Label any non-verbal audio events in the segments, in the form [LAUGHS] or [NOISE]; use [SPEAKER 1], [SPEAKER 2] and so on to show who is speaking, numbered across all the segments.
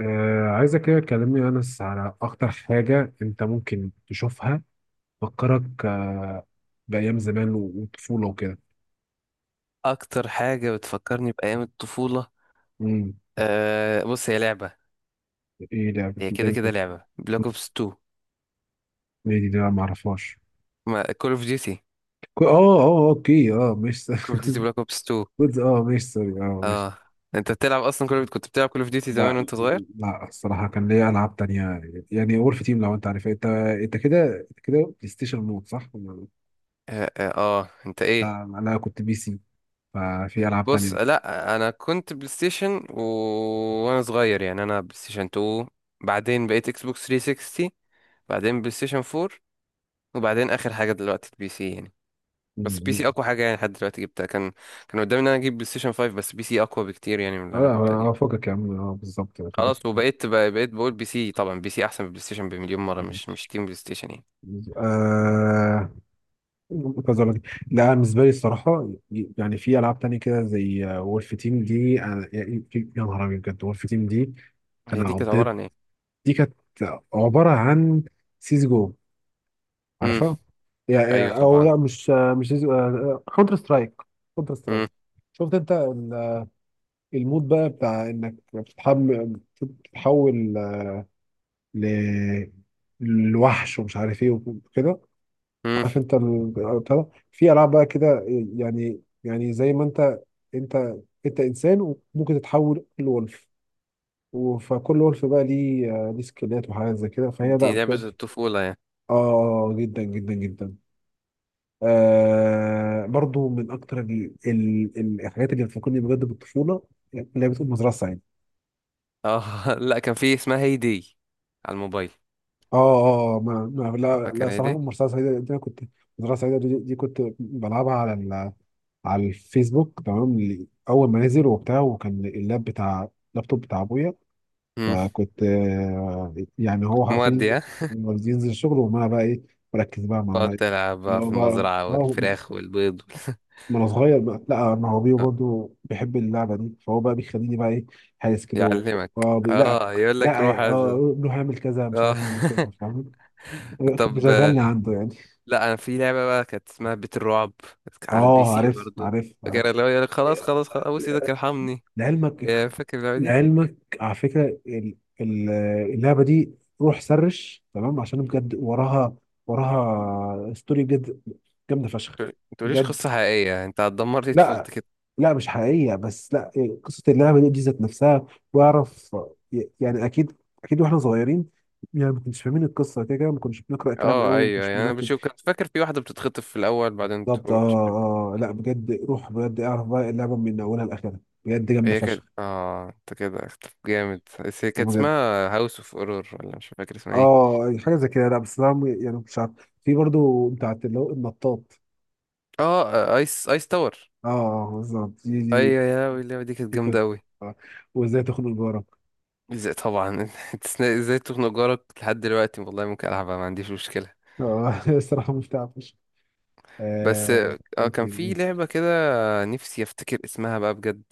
[SPEAKER 1] عايزك كده تكلمني يا أنس على أكتر حاجة أنت ممكن تشوفها تفكرك بأيام زمان وطفولة وكده.
[SPEAKER 2] اكتر حاجه بتفكرني بايام الطفوله.
[SPEAKER 1] مم.
[SPEAKER 2] بص هي لعبه.
[SPEAKER 1] إيه ده، لعبة
[SPEAKER 2] هي كده كده
[SPEAKER 1] إيه؟
[SPEAKER 2] لعبه بلاك اوبس 2.
[SPEAKER 1] إيه دي؟ ده ما أعرفهاش.
[SPEAKER 2] ما كول اوف ديوتي.
[SPEAKER 1] كو- أه أه آه، أوكي مش
[SPEAKER 2] كول اوف ديوتي بلاك اوبس 2.
[SPEAKER 1] [LAUGHS] كنت مش، سوري، مش.
[SPEAKER 2] اه انت بتلعب اصلا كنت بتلعب كول اوف ديوتي زمان
[SPEAKER 1] لا
[SPEAKER 2] وانت صغير؟
[SPEAKER 1] لا، الصراحة كان ليا ألعاب تانية. يعني وولف تيم، لو أنت عارفها. أنت كده، أنت كده بلاي ستيشن مود، صح؟
[SPEAKER 2] اه, آه, اه انت ايه؟
[SPEAKER 1] لا أنا كنت بي سي. ففي ألعاب
[SPEAKER 2] بص
[SPEAKER 1] تانية.
[SPEAKER 2] لا انا كنت بلاي ستيشن وانا صغير يعني انا بلاي ستيشن 2. بعدين بقيت اكس بوكس 360. بعدين بلاي ستيشن 4. وبعدين اخر حاجه دلوقتي البي سي يعني. بس بي
[SPEAKER 1] مم.
[SPEAKER 2] سي اقوى حاجه يعني لحد دلوقتي جبتها. كان قدامي ان انا اجيب بلاي ستيشن 5، بس بي سي اقوى بكتير يعني من
[SPEAKER 1] اه
[SPEAKER 2] اللي انا
[SPEAKER 1] لا،
[SPEAKER 2] كنت اجيبه.
[SPEAKER 1] فوقك يا عم، بالظبط فوقك.
[SPEAKER 2] خلاص، وبقيت بقى بقيت بقول بي سي. طبعا بي سي احسن من بلاي ستيشن بمليون مره. مش تيم بلاي ستيشن يعني.
[SPEAKER 1] آه... كذا لك. لا أنا بالنسبه لي الصراحه، يعني في العاب تانية كده زي وولف تيم دي. يا نهار ابيض، بجد وولف تيم دي.
[SPEAKER 2] هي
[SPEAKER 1] انا
[SPEAKER 2] دي كانت عباره
[SPEAKER 1] قضيت،
[SPEAKER 2] عن ايه؟
[SPEAKER 1] دي كانت عباره عن سيز جو،
[SPEAKER 2] امم.
[SPEAKER 1] عارفها؟
[SPEAKER 2] ايوه
[SPEAKER 1] يعني او
[SPEAKER 2] طبعا.
[SPEAKER 1] لا، مش مش كونتر سترايك. كونتر سترايك.
[SPEAKER 2] امم.
[SPEAKER 1] شفت انت ال- المود بقى بتاع انك بتتحول ل... لوحش ومش عارف ايه وكده.
[SPEAKER 2] امم.
[SPEAKER 1] عارف انت بتاع ده؟ في العاب بقى كده، يعني زي ما انت، انت انت انسان وممكن تتحول لولف. فكل ولف بقى ليه سكيلات وحاجات زي كده، فهي لا
[SPEAKER 2] دي لعبه
[SPEAKER 1] بجد.
[SPEAKER 2] الطفوله يعني.
[SPEAKER 1] اه جدا جدا جدا. آه، برضو من اكتر الحاجات اللي بتفكرني بجد بالطفوله، اللي هي بتقول مزرعه سعيده.
[SPEAKER 2] اه [LAUGHS] لا كان في اسمها هي دي، على الموبايل.
[SPEAKER 1] اه. اه ما... ما... لا
[SPEAKER 2] فاكر
[SPEAKER 1] لا،
[SPEAKER 2] هي
[SPEAKER 1] صراحه
[SPEAKER 2] دي.
[SPEAKER 1] مزرعه سعيده دي انا كنت، مزرعه سعيده دي، كنت بلعبها على الفيسبوك، تمام، اول ما نزل وبتاع، وكان بتاع اللابتوب بتاع ابويا.
[SPEAKER 2] امم.
[SPEAKER 1] فكنت يعني هو حرفيا
[SPEAKER 2] مودي ها.
[SPEAKER 1] ينزل الشغل، وما بقى ايه، بركز بقى
[SPEAKER 2] تقعد
[SPEAKER 1] مع
[SPEAKER 2] تلعب
[SPEAKER 1] اللي
[SPEAKER 2] بقى
[SPEAKER 1] هو
[SPEAKER 2] في
[SPEAKER 1] بقى
[SPEAKER 2] المزرعه
[SPEAKER 1] هو.
[SPEAKER 2] والفراخ والبيض
[SPEAKER 1] ما انا صغير بقى، لا ما هو بيه
[SPEAKER 2] وال-
[SPEAKER 1] برضه بيحب اللعبه دي، فهو بقى بيخليني بقى ايه هايس
[SPEAKER 2] [LAUGHS]
[SPEAKER 1] كده و...
[SPEAKER 2] يعلمك.
[SPEAKER 1] لا.
[SPEAKER 2] اه يقول لك روح
[SPEAKER 1] لا
[SPEAKER 2] هذا.
[SPEAKER 1] اه، روح اعمل كذا، مش
[SPEAKER 2] اه
[SPEAKER 1] عارف اعمل
[SPEAKER 2] [LAUGHS]
[SPEAKER 1] كذا، فاهم. كان
[SPEAKER 2] طب
[SPEAKER 1] مشغلني عنده يعني.
[SPEAKER 2] لا انا في لعبه بقى كانت اسمها بيت الرعب، كانت على البي
[SPEAKER 1] اه
[SPEAKER 2] سي
[SPEAKER 1] عارف
[SPEAKER 2] برضو.
[SPEAKER 1] عارف عارف.
[SPEAKER 2] فاكر اللي هو يقولك خلاص خلاص خلاص ابوس ايدك ارحمني؟
[SPEAKER 1] لعلمك
[SPEAKER 2] آه، فاكر اللعبه دي.
[SPEAKER 1] لعلمك، على فكرة ال- اللعبة دي، روح سرش، تمام، عشان بجد وراها، ستوري بجد جامدة فشخ.
[SPEAKER 2] ما تقوليش
[SPEAKER 1] بجد
[SPEAKER 2] قصه حقيقيه، انت هتدمر لي
[SPEAKER 1] لا
[SPEAKER 2] طفولتي كده.
[SPEAKER 1] لا، مش حقيقية، بس لا إيه، قصة اللعبة دي ذات نفسها. واعرف، يعني أكيد أكيد واحنا صغيرين، يعني ما كناش فاهمين القصة، كده كده ما كناش بنقرأ الكلام
[SPEAKER 2] اه
[SPEAKER 1] قوي وما
[SPEAKER 2] ايوه
[SPEAKER 1] كناش
[SPEAKER 2] يعني انا
[SPEAKER 1] بنركز.
[SPEAKER 2] بشوف كنت فاكر في واحده بتتخطف في الاول بعدين
[SPEAKER 1] بالظبط
[SPEAKER 2] تروح مش عارف إيه.
[SPEAKER 1] لا بجد، روح بجد اعرف بقى اللعبة من أولها لآخرها. بجد جامدة
[SPEAKER 2] هي كانت
[SPEAKER 1] فشخ.
[SPEAKER 2] انت كده اختلف جامد، بس هي كانت
[SPEAKER 1] بجد.
[SPEAKER 2] اسمها هاوس اوف اورور ولا مش فاكر اسمها ايه.
[SPEAKER 1] اه يعني حاجه زي كده، لا بس انا يعني مش عارف، في برضو بتاعت اللي هو النطاط.
[SPEAKER 2] اه ايس ايس تاور.
[SPEAKER 1] اه، بالظبط دي دي.
[SPEAKER 2] ايوه يا لهوي اللعبه دي كانت
[SPEAKER 1] دي
[SPEAKER 2] جامده
[SPEAKER 1] كنت.
[SPEAKER 2] قوي.
[SPEAKER 1] آه. وازاي تخنق جارك.
[SPEAKER 2] ازاي طبعا [LAUGHS] إنت ازاي تخنق جارك؟ لحد دلوقتي والله ممكن العبها، ما عنديش مشكله.
[SPEAKER 1] اه [LAUGHS] الصراحه مش تعرفش.
[SPEAKER 2] بس اه
[SPEAKER 1] ايه
[SPEAKER 2] كان
[SPEAKER 1] تاني؟
[SPEAKER 2] في
[SPEAKER 1] مش
[SPEAKER 2] لعبة كده، نفسي افتكر اسمها بقى بجد.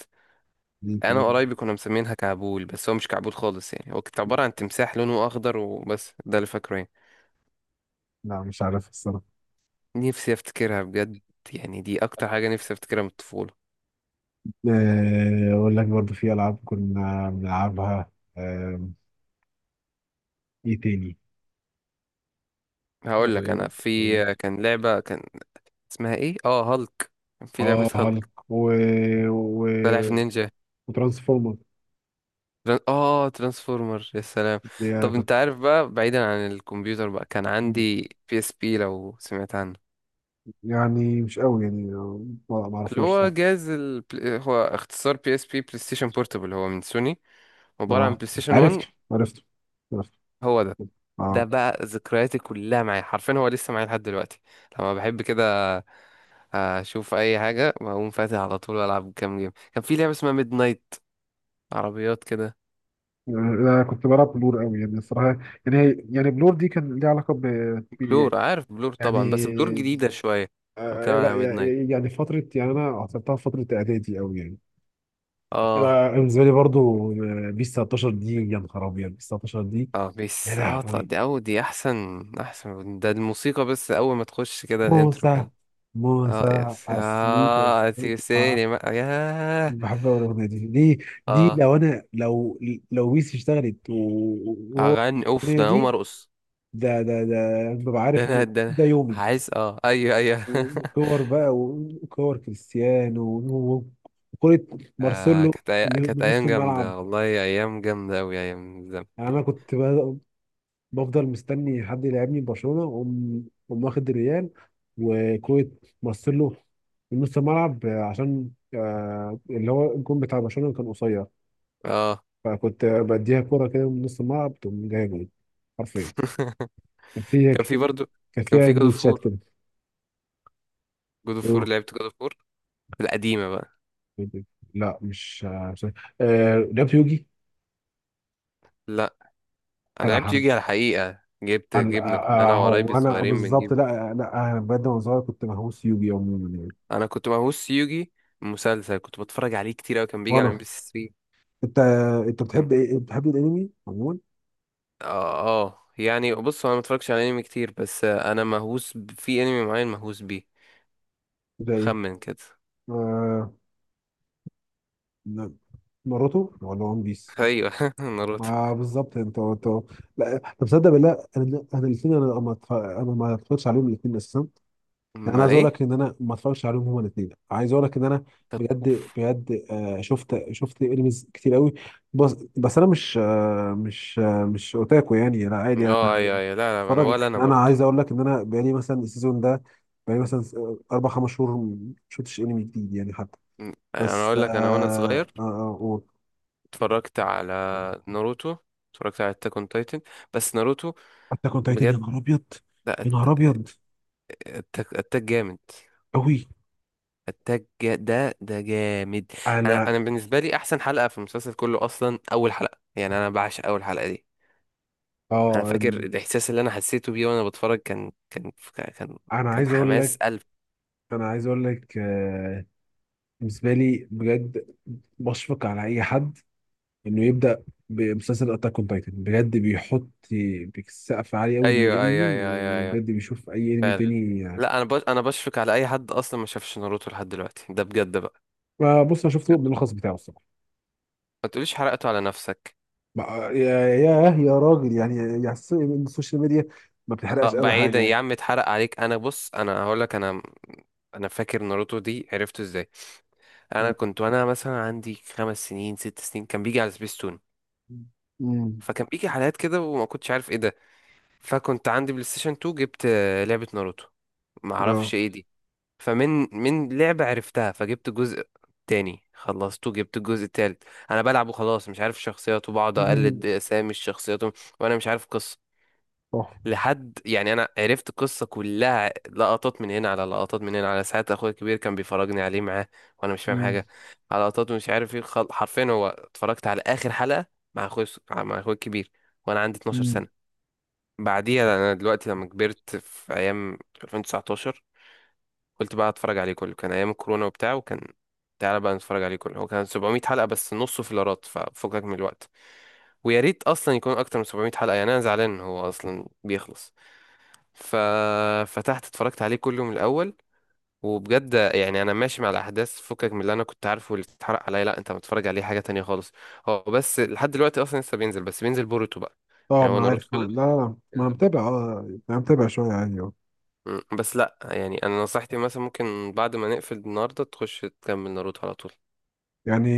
[SPEAKER 1] مين
[SPEAKER 2] انا
[SPEAKER 1] تاني؟
[SPEAKER 2] وقرايبي كنا مسمينها كعبول، بس هو مش كعبول خالص يعني، هو كانت عبارة عن تمساح لونه اخضر وبس، ده اللي فاكره يعني.
[SPEAKER 1] لا مش عارف الصراحه.
[SPEAKER 2] نفسي افتكرها بجد. يعني دي اكتر حاجة نفسي افتكرها من الطفولة.
[SPEAKER 1] اقول لك، برضو في العاب كنا بنلعبها. ايه تاني؟
[SPEAKER 2] هقول لك
[SPEAKER 1] آه،
[SPEAKER 2] انا في كان لعبة كان اسمها ايه، هالك. كان في لعبة
[SPEAKER 1] اه
[SPEAKER 2] [LAUGHS] هالك.
[SPEAKER 1] هالك و... و...
[SPEAKER 2] سلاحف النينجا.
[SPEAKER 1] وترانسفورمر.
[SPEAKER 2] ترانسفورمر يا سلام.
[SPEAKER 1] دي
[SPEAKER 2] طب انت
[SPEAKER 1] كنت.
[SPEAKER 2] عارف بقى، بعيدا عن الكمبيوتر بقى كان عندي بي اس بي لو سمعت عنه.
[SPEAKER 1] يعني مش قوي، يعني ما ما
[SPEAKER 2] اللي
[SPEAKER 1] اعرفوش،
[SPEAKER 2] هو
[SPEAKER 1] صح.
[SPEAKER 2] جهاز هو اختصار بي اس بي بلاي ستيشن بورتبل، هو من سوني، عبارة عن
[SPEAKER 1] اه،
[SPEAKER 2] بلاي ستيشن 1.
[SPEAKER 1] عرفته عرفته عرفته.
[SPEAKER 2] هو ده. ده
[SPEAKER 1] اه
[SPEAKER 2] بقى ذكرياتي كلها معايا حرفيا، هو لسه معايا لحد دلوقتي. لما بحب كده اشوف اي حاجة بقوم فاتح على طول والعب كام جيم. كان في لعبة اسمها ميد نايت، عربيات كده.
[SPEAKER 1] انا كنت بلعب بلور قوي، يعني الصراحه. يعني هي يعني بلور دي كان ليها علاقه ب-
[SPEAKER 2] بلور عارف بلور
[SPEAKER 1] يعني
[SPEAKER 2] طبعا، بس بلور جديدة شوية. لو كان
[SPEAKER 1] لا،
[SPEAKER 2] على ميد نايت
[SPEAKER 1] يعني فتره، يعني انا عصرتها في فتره اعدادي قوي يعني.
[SPEAKER 2] اه.
[SPEAKER 1] أنا بالنسبه لي برضو، بيس 19 دي، يا نهار ابيض، بيس 19 دي.
[SPEAKER 2] اه
[SPEAKER 1] يا
[SPEAKER 2] بس اه
[SPEAKER 1] لهوي.
[SPEAKER 2] طب دي او دي احسن. احسن ده الموسيقى بس، اول ما تخش كده الانترو
[SPEAKER 1] موسى،
[SPEAKER 2] كان اه
[SPEAKER 1] موسى
[SPEAKER 2] يس
[SPEAKER 1] عسليت عسليت،
[SPEAKER 2] تيسيني بقى ياه.
[SPEAKER 1] بحب أوي الاغنيه دي، دي
[SPEAKER 2] اه
[SPEAKER 1] لو انا لو، لو بيس اشتغلت وهو،
[SPEAKER 2] اغني اوف
[SPEAKER 1] الاغنيه
[SPEAKER 2] ده انا اقوم
[SPEAKER 1] دي
[SPEAKER 2] ارقص.
[SPEAKER 1] ده ده، ببقى
[SPEAKER 2] ده
[SPEAKER 1] عارف
[SPEAKER 2] انا
[SPEAKER 1] ان
[SPEAKER 2] ده،
[SPEAKER 1] ده
[SPEAKER 2] انا
[SPEAKER 1] يومي.
[SPEAKER 2] عايز، اه ايوه ايوه [LAUGHS]
[SPEAKER 1] وكور بقى، وكور كريستيانو وكرة
[SPEAKER 2] آه
[SPEAKER 1] مارسيلو اللي
[SPEAKER 2] كانت
[SPEAKER 1] من نص
[SPEAKER 2] ايام
[SPEAKER 1] الملعب.
[SPEAKER 2] جامده والله، ايام جامده اوي ايام الزمن
[SPEAKER 1] يعني
[SPEAKER 2] دي.
[SPEAKER 1] انا كنت بفضل مستني حد يلعبني برشلونة، واقوم واخد الريال، وكرة مارسيلو من نص الملعب، عشان اللي هو الجون بتاع برشلونة كان قصير.
[SPEAKER 2] اه
[SPEAKER 1] فكنت بديها كورة كده من نص الملعب، تقوم جاية جول، حرفيا.
[SPEAKER 2] [LAUGHS] كان في
[SPEAKER 1] كان
[SPEAKER 2] برضو، كان
[SPEAKER 1] فيها
[SPEAKER 2] في جود اوف
[SPEAKER 1] جليتشات
[SPEAKER 2] فور.
[SPEAKER 1] كده.
[SPEAKER 2] لعبت جود اوف فور القديمه بقى.
[SPEAKER 1] لا لعبت يوجي.
[SPEAKER 2] لا انا
[SPEAKER 1] انا
[SPEAKER 2] لعبت
[SPEAKER 1] حرب.
[SPEAKER 2] يوجي على الحقيقه،
[SPEAKER 1] انا
[SPEAKER 2] جبنا، كنا انا وقرايبي
[SPEAKER 1] هو انا
[SPEAKER 2] الصغيرين
[SPEAKER 1] بالظبط،
[SPEAKER 2] بنجيب.
[SPEAKER 1] لا لا، انا بجد وانا صغير كنت مهووس يوجي عموما يعني.
[SPEAKER 2] انا كنت مهووس يوجي. مسلسل كنت بتفرج عليه كتير اوي، كان بيجي على ام
[SPEAKER 1] وانا
[SPEAKER 2] بي سي
[SPEAKER 1] انت انت
[SPEAKER 2] 3.
[SPEAKER 1] بتحب ايه، بتحب الانمي عموما؟
[SPEAKER 2] اه. آه. يعني بص هو انا متفرجش على انمي كتير، بس آه، انا مهووس في انمي معين مهووس بيه.
[SPEAKER 1] زي ايه؟
[SPEAKER 2] خمن كده.
[SPEAKER 1] آه، ناروتو ولا ون بيس؟
[SPEAKER 2] ايوه [LAUGHS] ناروتو.
[SPEAKER 1] آه، بالظبط انت، انت. لا طب تصدق بالله؟ انا الاثنين، انا ما اتف- انا ما اتفرجتش عليهم الاثنين اساسا. يعني انا
[SPEAKER 2] ما
[SPEAKER 1] عايز اقول
[SPEAKER 2] ايه.
[SPEAKER 1] لك ان انا ما اتفرجتش عليهم هما الاثنين. عايز اقول لك ان انا
[SPEAKER 2] طب
[SPEAKER 1] بجد
[SPEAKER 2] اوف.
[SPEAKER 1] بجد، شفت انميز كتير قوي. بس بس انا مش اوتاكو يعني، لا عادي
[SPEAKER 2] اه
[SPEAKER 1] انا
[SPEAKER 2] ايوه ايوه. لا لا انا،
[SPEAKER 1] بتفرج.
[SPEAKER 2] ولا انا
[SPEAKER 1] يعني انا
[SPEAKER 2] برضو.
[SPEAKER 1] عايز اقول لك ان انا بقالي مثلا السيزون ده، بقالي مثلا اربع خمس شهور ما شفتش انمي جديد يعني حتى،
[SPEAKER 2] انا
[SPEAKER 1] بس
[SPEAKER 2] اقول لك انا وانا صغير
[SPEAKER 1] آه آه
[SPEAKER 2] اتفرجت على ناروتو، اتفرجت على اتاك اون تايتن، بس ناروتو
[SPEAKER 1] حتى كنت تايتن. يا
[SPEAKER 2] بجد.
[SPEAKER 1] نهار ابيض،
[SPEAKER 2] لا
[SPEAKER 1] يا نهار
[SPEAKER 2] أت-
[SPEAKER 1] ابيض
[SPEAKER 2] اتاك جامد.
[SPEAKER 1] قوي.
[SPEAKER 2] اتاك جا- ده ده جامد. انا
[SPEAKER 1] انا
[SPEAKER 2] انا بالنسبه لي احسن حلقه في المسلسل كله اصلا اول حلقه، يعني انا بعشق اول حلقه دي. انا
[SPEAKER 1] اه،
[SPEAKER 2] فاكر الاحساس اللي انا حسيته بيه وانا بتفرج، كان
[SPEAKER 1] انا
[SPEAKER 2] كان
[SPEAKER 1] عايز اقول
[SPEAKER 2] حماس
[SPEAKER 1] لك،
[SPEAKER 2] قلب.
[SPEAKER 1] انا عايز اقول لك آه بالنسبه لي بجد، بشفق على اي حد انه يبدا بمسلسل اتاك اون تايتن، بجد بيحط سقف عالي قوي، ايوه
[SPEAKER 2] ايوه ايوه
[SPEAKER 1] للانمي،
[SPEAKER 2] ايوه ايوه ايوه،
[SPEAKER 1] وبجد بيشوف اي انمي
[SPEAKER 2] فعلا.
[SPEAKER 1] تاني.
[SPEAKER 2] لا انا بشفق على اي حد اصلا ما شافش ناروتو لحد دلوقتي ده بجد بقى.
[SPEAKER 1] ما بص، انا شفت
[SPEAKER 2] بجد.
[SPEAKER 1] الملخص بتاعه الصراحه.
[SPEAKER 2] ما تقوليش حرقته على نفسك.
[SPEAKER 1] ما- يا يا يا راجل، يعني السوشيال ميديا ما بتحرقش قوي حاجه،
[SPEAKER 2] بعيدا
[SPEAKER 1] يعني
[SPEAKER 2] يا
[SPEAKER 1] جدا.
[SPEAKER 2] عم، اتحرق عليك. انا بص انا هقول لك انا انا فاكر ناروتو دي عرفته ازاي. انا
[SPEAKER 1] مم.
[SPEAKER 2] كنت وانا مثلا عندي خمس سنين ست سنين كان بيجي على سبيستون.
[SPEAKER 1] مم.
[SPEAKER 2] فكان بيجي حلقات كده وما كنتش عارف ايه ده. فكنت عندي بلاي ستيشن 2، جبت آه، لعبة ناروتو، ما
[SPEAKER 1] اه
[SPEAKER 2] اعرفش ايه دي. فمن لعبة عرفتها، فجبت جزء تاني خلصته جبت الجزء التالت. انا بلعب وخلاص مش عارف الشخصيات، وبقعد
[SPEAKER 1] [LAUGHS]
[SPEAKER 2] اقلد اسامي الشخصيات وانا مش عارف قصة.
[SPEAKER 1] اه.
[SPEAKER 2] لحد يعني انا عرفت القصة كلها لقطات من هنا، على لقطات من هنا، على ساعات اخويا الكبير كان بيفرجني عليه معاه وانا مش فاهم
[SPEAKER 1] مم.
[SPEAKER 2] حاجة. على لقطات ومش عارف ايه حرفيا هو اتفرجت على اخر حلقة مع اخويا الكبير وانا عندي 12
[SPEAKER 1] مم.
[SPEAKER 2] سنة. بعديها انا دلوقتي لما كبرت في ايام 2019 قلت بقى اتفرج عليه كله، كان ايام الكورونا وبتاع. وكان تعالى بقى نتفرج عليه كله، هو كان 700 حلقة بس نصه فيلرات، ففكك من الوقت. ويا ريت اصلا يكون اكتر من 700 حلقة، يعني انا زعلان إن هو اصلا بيخلص. ففتحت اتفرجت عليه كله من الاول. وبجد يعني انا ماشي مع الاحداث فكك من اللي انا كنت عارفه، واللي اتحرق عليا لا، انت متفرج عليه حاجة تانية خالص. هو بس لحد دلوقتي اصلا لسه بينزل، بس بينزل بوروتو بقى.
[SPEAKER 1] آه،
[SPEAKER 2] يعني
[SPEAKER 1] ما
[SPEAKER 2] هو
[SPEAKER 1] انا
[SPEAKER 2] ناروتو
[SPEAKER 1] عارف، ما لا
[SPEAKER 2] خلص،
[SPEAKER 1] لا لا، ما انا
[SPEAKER 2] بينزل بوروتو.
[SPEAKER 1] متابع، اه انا متابع شويه يعني.
[SPEAKER 2] مم. بس لا يعني انا نصيحتي مثلا ممكن بعد ما نقفل النهارده تخش تكمل ناروتو على طول.
[SPEAKER 1] يعني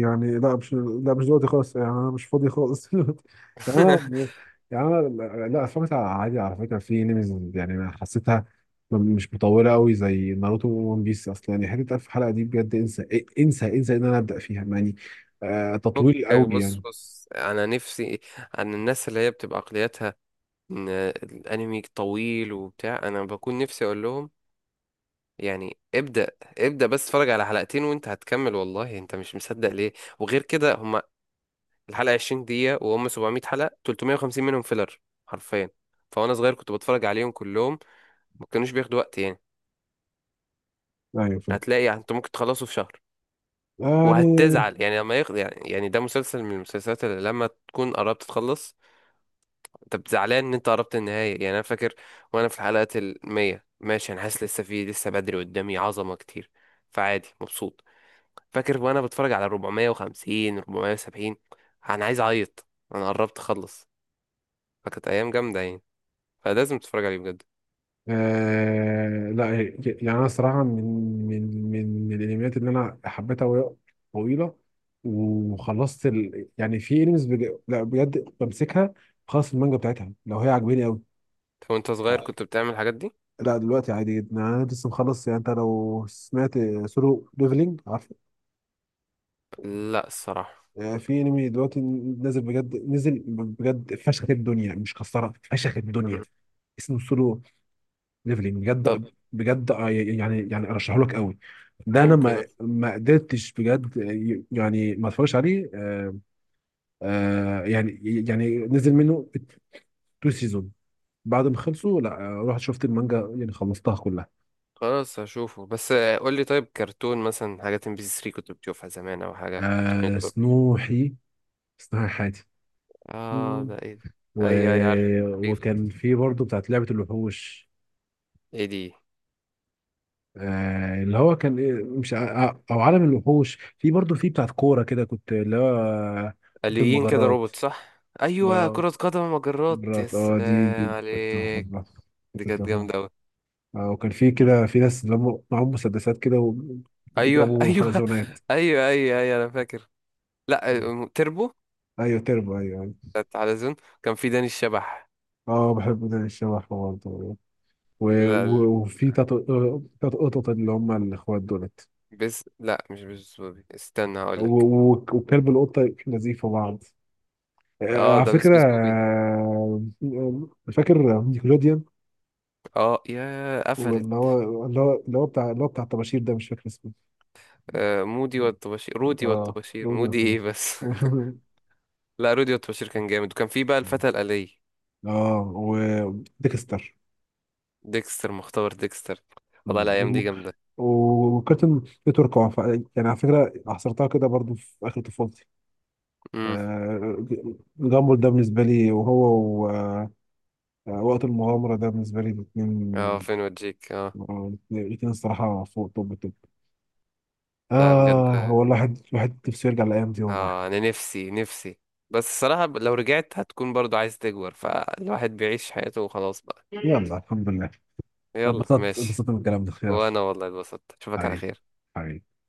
[SPEAKER 1] يعني لا مش، لا مش دلوقتي خالص، يعني انا مش فاضي خالص [LAUGHS] دلوقتي. يعني انا
[SPEAKER 2] [LAUGHS]
[SPEAKER 1] يعني انا لا لا، اتفرجت على عادي، على فكره في انميز يعني، أنا حسيتها مش مطوله قوي زي ناروتو وون بيس اصلا، يعني حته 1000 حلقه دي بجد، انسى انسى ان انا ابدا فيها يعني. آه، تطويل
[SPEAKER 2] فكك
[SPEAKER 1] قوي
[SPEAKER 2] بص
[SPEAKER 1] يعني.
[SPEAKER 2] بص انا نفسي عن الناس اللي هي بتبقى عقليتها ان الانمي طويل وبتاع، انا بكون نفسي اقول لهم يعني ابدأ بس اتفرج على حلقتين وانت هتكمل والله، انت مش مصدق ليه. وغير كده هما الحلقة 20 دقيقة، وهم 700 حلقة 350 منهم فيلر حرفيا. فوانا صغير كنت بتفرج عليهم كلهم، ما كانوش بياخدوا وقت يعني.
[SPEAKER 1] ايوه فاهم.
[SPEAKER 2] هتلاقي يعني انت ممكن تخلصه في شهر.
[SPEAKER 1] يعني
[SPEAKER 2] وهتزعل يعني يعني يعني ده مسلسل من المسلسلات اللي لما تكون قربت تخلص طب زعلان ان انت قربت النهاية. يعني انا فاكر وانا في الحلقات المية ماشي انا حاسس لسه، في لسه بدري قدامي عظمة كتير، فعادي مبسوط. فاكر وانا بتفرج على 450 470 انا عايز اعيط، انا قربت اخلص. فكانت ايام جامدة يعني، فلازم تتفرج عليه بجد.
[SPEAKER 1] لا، يعني انا صراحه، من الانميات اللي انا حبيتها وهي طويله، وخلصت ال... يعني في انميز بج... لا بجد، بمسكها خلاص، المانجا بتاعتها، لو هي عاجباني قوي.
[SPEAKER 2] طب وانت صغير كنت بتعمل الحاجات دي؟
[SPEAKER 1] لا دلوقتي عادي جدا، يعني انا لسه مخلص، يعني انت لو سمعت سولو ليفلينج، عارفه؟
[SPEAKER 2] لا الصراحة.
[SPEAKER 1] آه، في انمي دلوقتي نازل بجد، نزل بجد فشخ الدنيا، مش كسرها فشخ الدنيا.
[SPEAKER 2] مم.
[SPEAKER 1] اسمه سولو ليفلينج، بجد
[SPEAKER 2] طب
[SPEAKER 1] بجد، يعني ارشحه لك قوي. ده انا
[SPEAKER 2] ممكن
[SPEAKER 1] ما ما قدرتش بجد، يعني ما اتفرجش عليه. يعني، يعني نزل منه تو سيزون. بعد ما خلصوا لا، رحت شفت المانجا يعني، خلصتها كلها.
[SPEAKER 2] خلاص هشوفه بس. قول لي طيب، كرتون مثلا حاجات ام بي سي 3 كنت بتشوفها زمان، او حاجة كارتون
[SPEAKER 1] آه
[SPEAKER 2] نتورك.
[SPEAKER 1] سنوحي، سنوحي حياتي
[SPEAKER 2] اه ده ايه ده؟
[SPEAKER 1] و...
[SPEAKER 2] اي اي عارف.
[SPEAKER 1] وكان في برضه بتاعت لعبة الوحوش.
[SPEAKER 2] ايه دي؟
[SPEAKER 1] آه اللي هو كان إيه، مش ع- او عالم الوحوش، في برضه، في بتاعت كورة كده كنت اللي هو كرة
[SPEAKER 2] آليين كده
[SPEAKER 1] المجرات.
[SPEAKER 2] روبوت، صح؟ ايوه
[SPEAKER 1] آه،
[SPEAKER 2] كرة قدم مجرات، يا
[SPEAKER 1] مرات، اه دي
[SPEAKER 2] سلام
[SPEAKER 1] كنت
[SPEAKER 2] عليك.
[SPEAKER 1] بحبها،
[SPEAKER 2] دي
[SPEAKER 1] كنت
[SPEAKER 2] كانت
[SPEAKER 1] بحبها.
[SPEAKER 2] جامدة اوي.
[SPEAKER 1] آه وكان في كده في ناس اللي هم معاهم مسدسات كده
[SPEAKER 2] ايوه
[SPEAKER 1] وبيضربوا
[SPEAKER 2] ايوه [LAUGHS]
[SPEAKER 1] حلزونات.
[SPEAKER 2] ايوه ايوه ايوه انا فاكر. لا آه، تربو.
[SPEAKER 1] ايوه تربو، ايوه ايوه.
[SPEAKER 2] كانت على زون. كان في داني الشبح.
[SPEAKER 1] اه بحب ده، الشبح برضه.
[SPEAKER 2] لا ال-
[SPEAKER 1] وفي تلات، قطط اللي هم الاخوات دولت.
[SPEAKER 2] بس لا مش بس بوبي، استنى
[SPEAKER 1] و-
[SPEAKER 2] هقول لك.
[SPEAKER 1] وكلب القطه نزيفه بعض،
[SPEAKER 2] اه
[SPEAKER 1] على
[SPEAKER 2] ده بس
[SPEAKER 1] فكره،
[SPEAKER 2] بس بوبي.
[SPEAKER 1] فاكر نيكلوديان؟
[SPEAKER 2] اه يا قفلت.
[SPEAKER 1] واللي هو اللي هو بتاع، اللي هو بتاع الطباشير ده، مش فاكر اسمه.
[SPEAKER 2] آه مودي والطباشير رودي
[SPEAKER 1] اه
[SPEAKER 2] والطباشير،
[SPEAKER 1] رودي
[SPEAKER 2] مودي
[SPEAKER 1] وتوم
[SPEAKER 2] ايه بس. [LAUGHS] لا رودي والطباشير كان جامد. وكان في بقى الفتى
[SPEAKER 1] [LAUGHS]
[SPEAKER 2] الآلية.
[SPEAKER 1] اه وديكستر
[SPEAKER 2] مختبر ديكستر. والله الأيام
[SPEAKER 1] و-
[SPEAKER 2] دي جامدة.
[SPEAKER 1] وكابتن تركوا يعني على فكره، حصرتها كده برضو في اخر طفولتي، آه، جامبل ده بالنسبه لي وهو و- وقت المغامره ده، بالنسبه لي
[SPEAKER 2] اه
[SPEAKER 1] الاثنين،
[SPEAKER 2] فين وديك اه.
[SPEAKER 1] الاثنين الصراحه فوق. طب طب
[SPEAKER 2] لا بجد
[SPEAKER 1] اه هو الواحد، نفسه يرجع الايام دي والله.
[SPEAKER 2] اه، انا نفسي نفسي. بس الصراحة لو رجعت هتكون برضو عايز تكبر، فالواحد بيعيش حياته وخلاص بقى.
[SPEAKER 1] يلا الحمد لله.
[SPEAKER 2] يلا
[SPEAKER 1] انبسطت،
[SPEAKER 2] ماشي.
[SPEAKER 1] انبسطت من الكلام ده،
[SPEAKER 2] وانا
[SPEAKER 1] خير.
[SPEAKER 2] والله اتبسطت، اشوفك على
[SPEAKER 1] حبيبي،
[SPEAKER 2] خير.
[SPEAKER 1] حبيبي.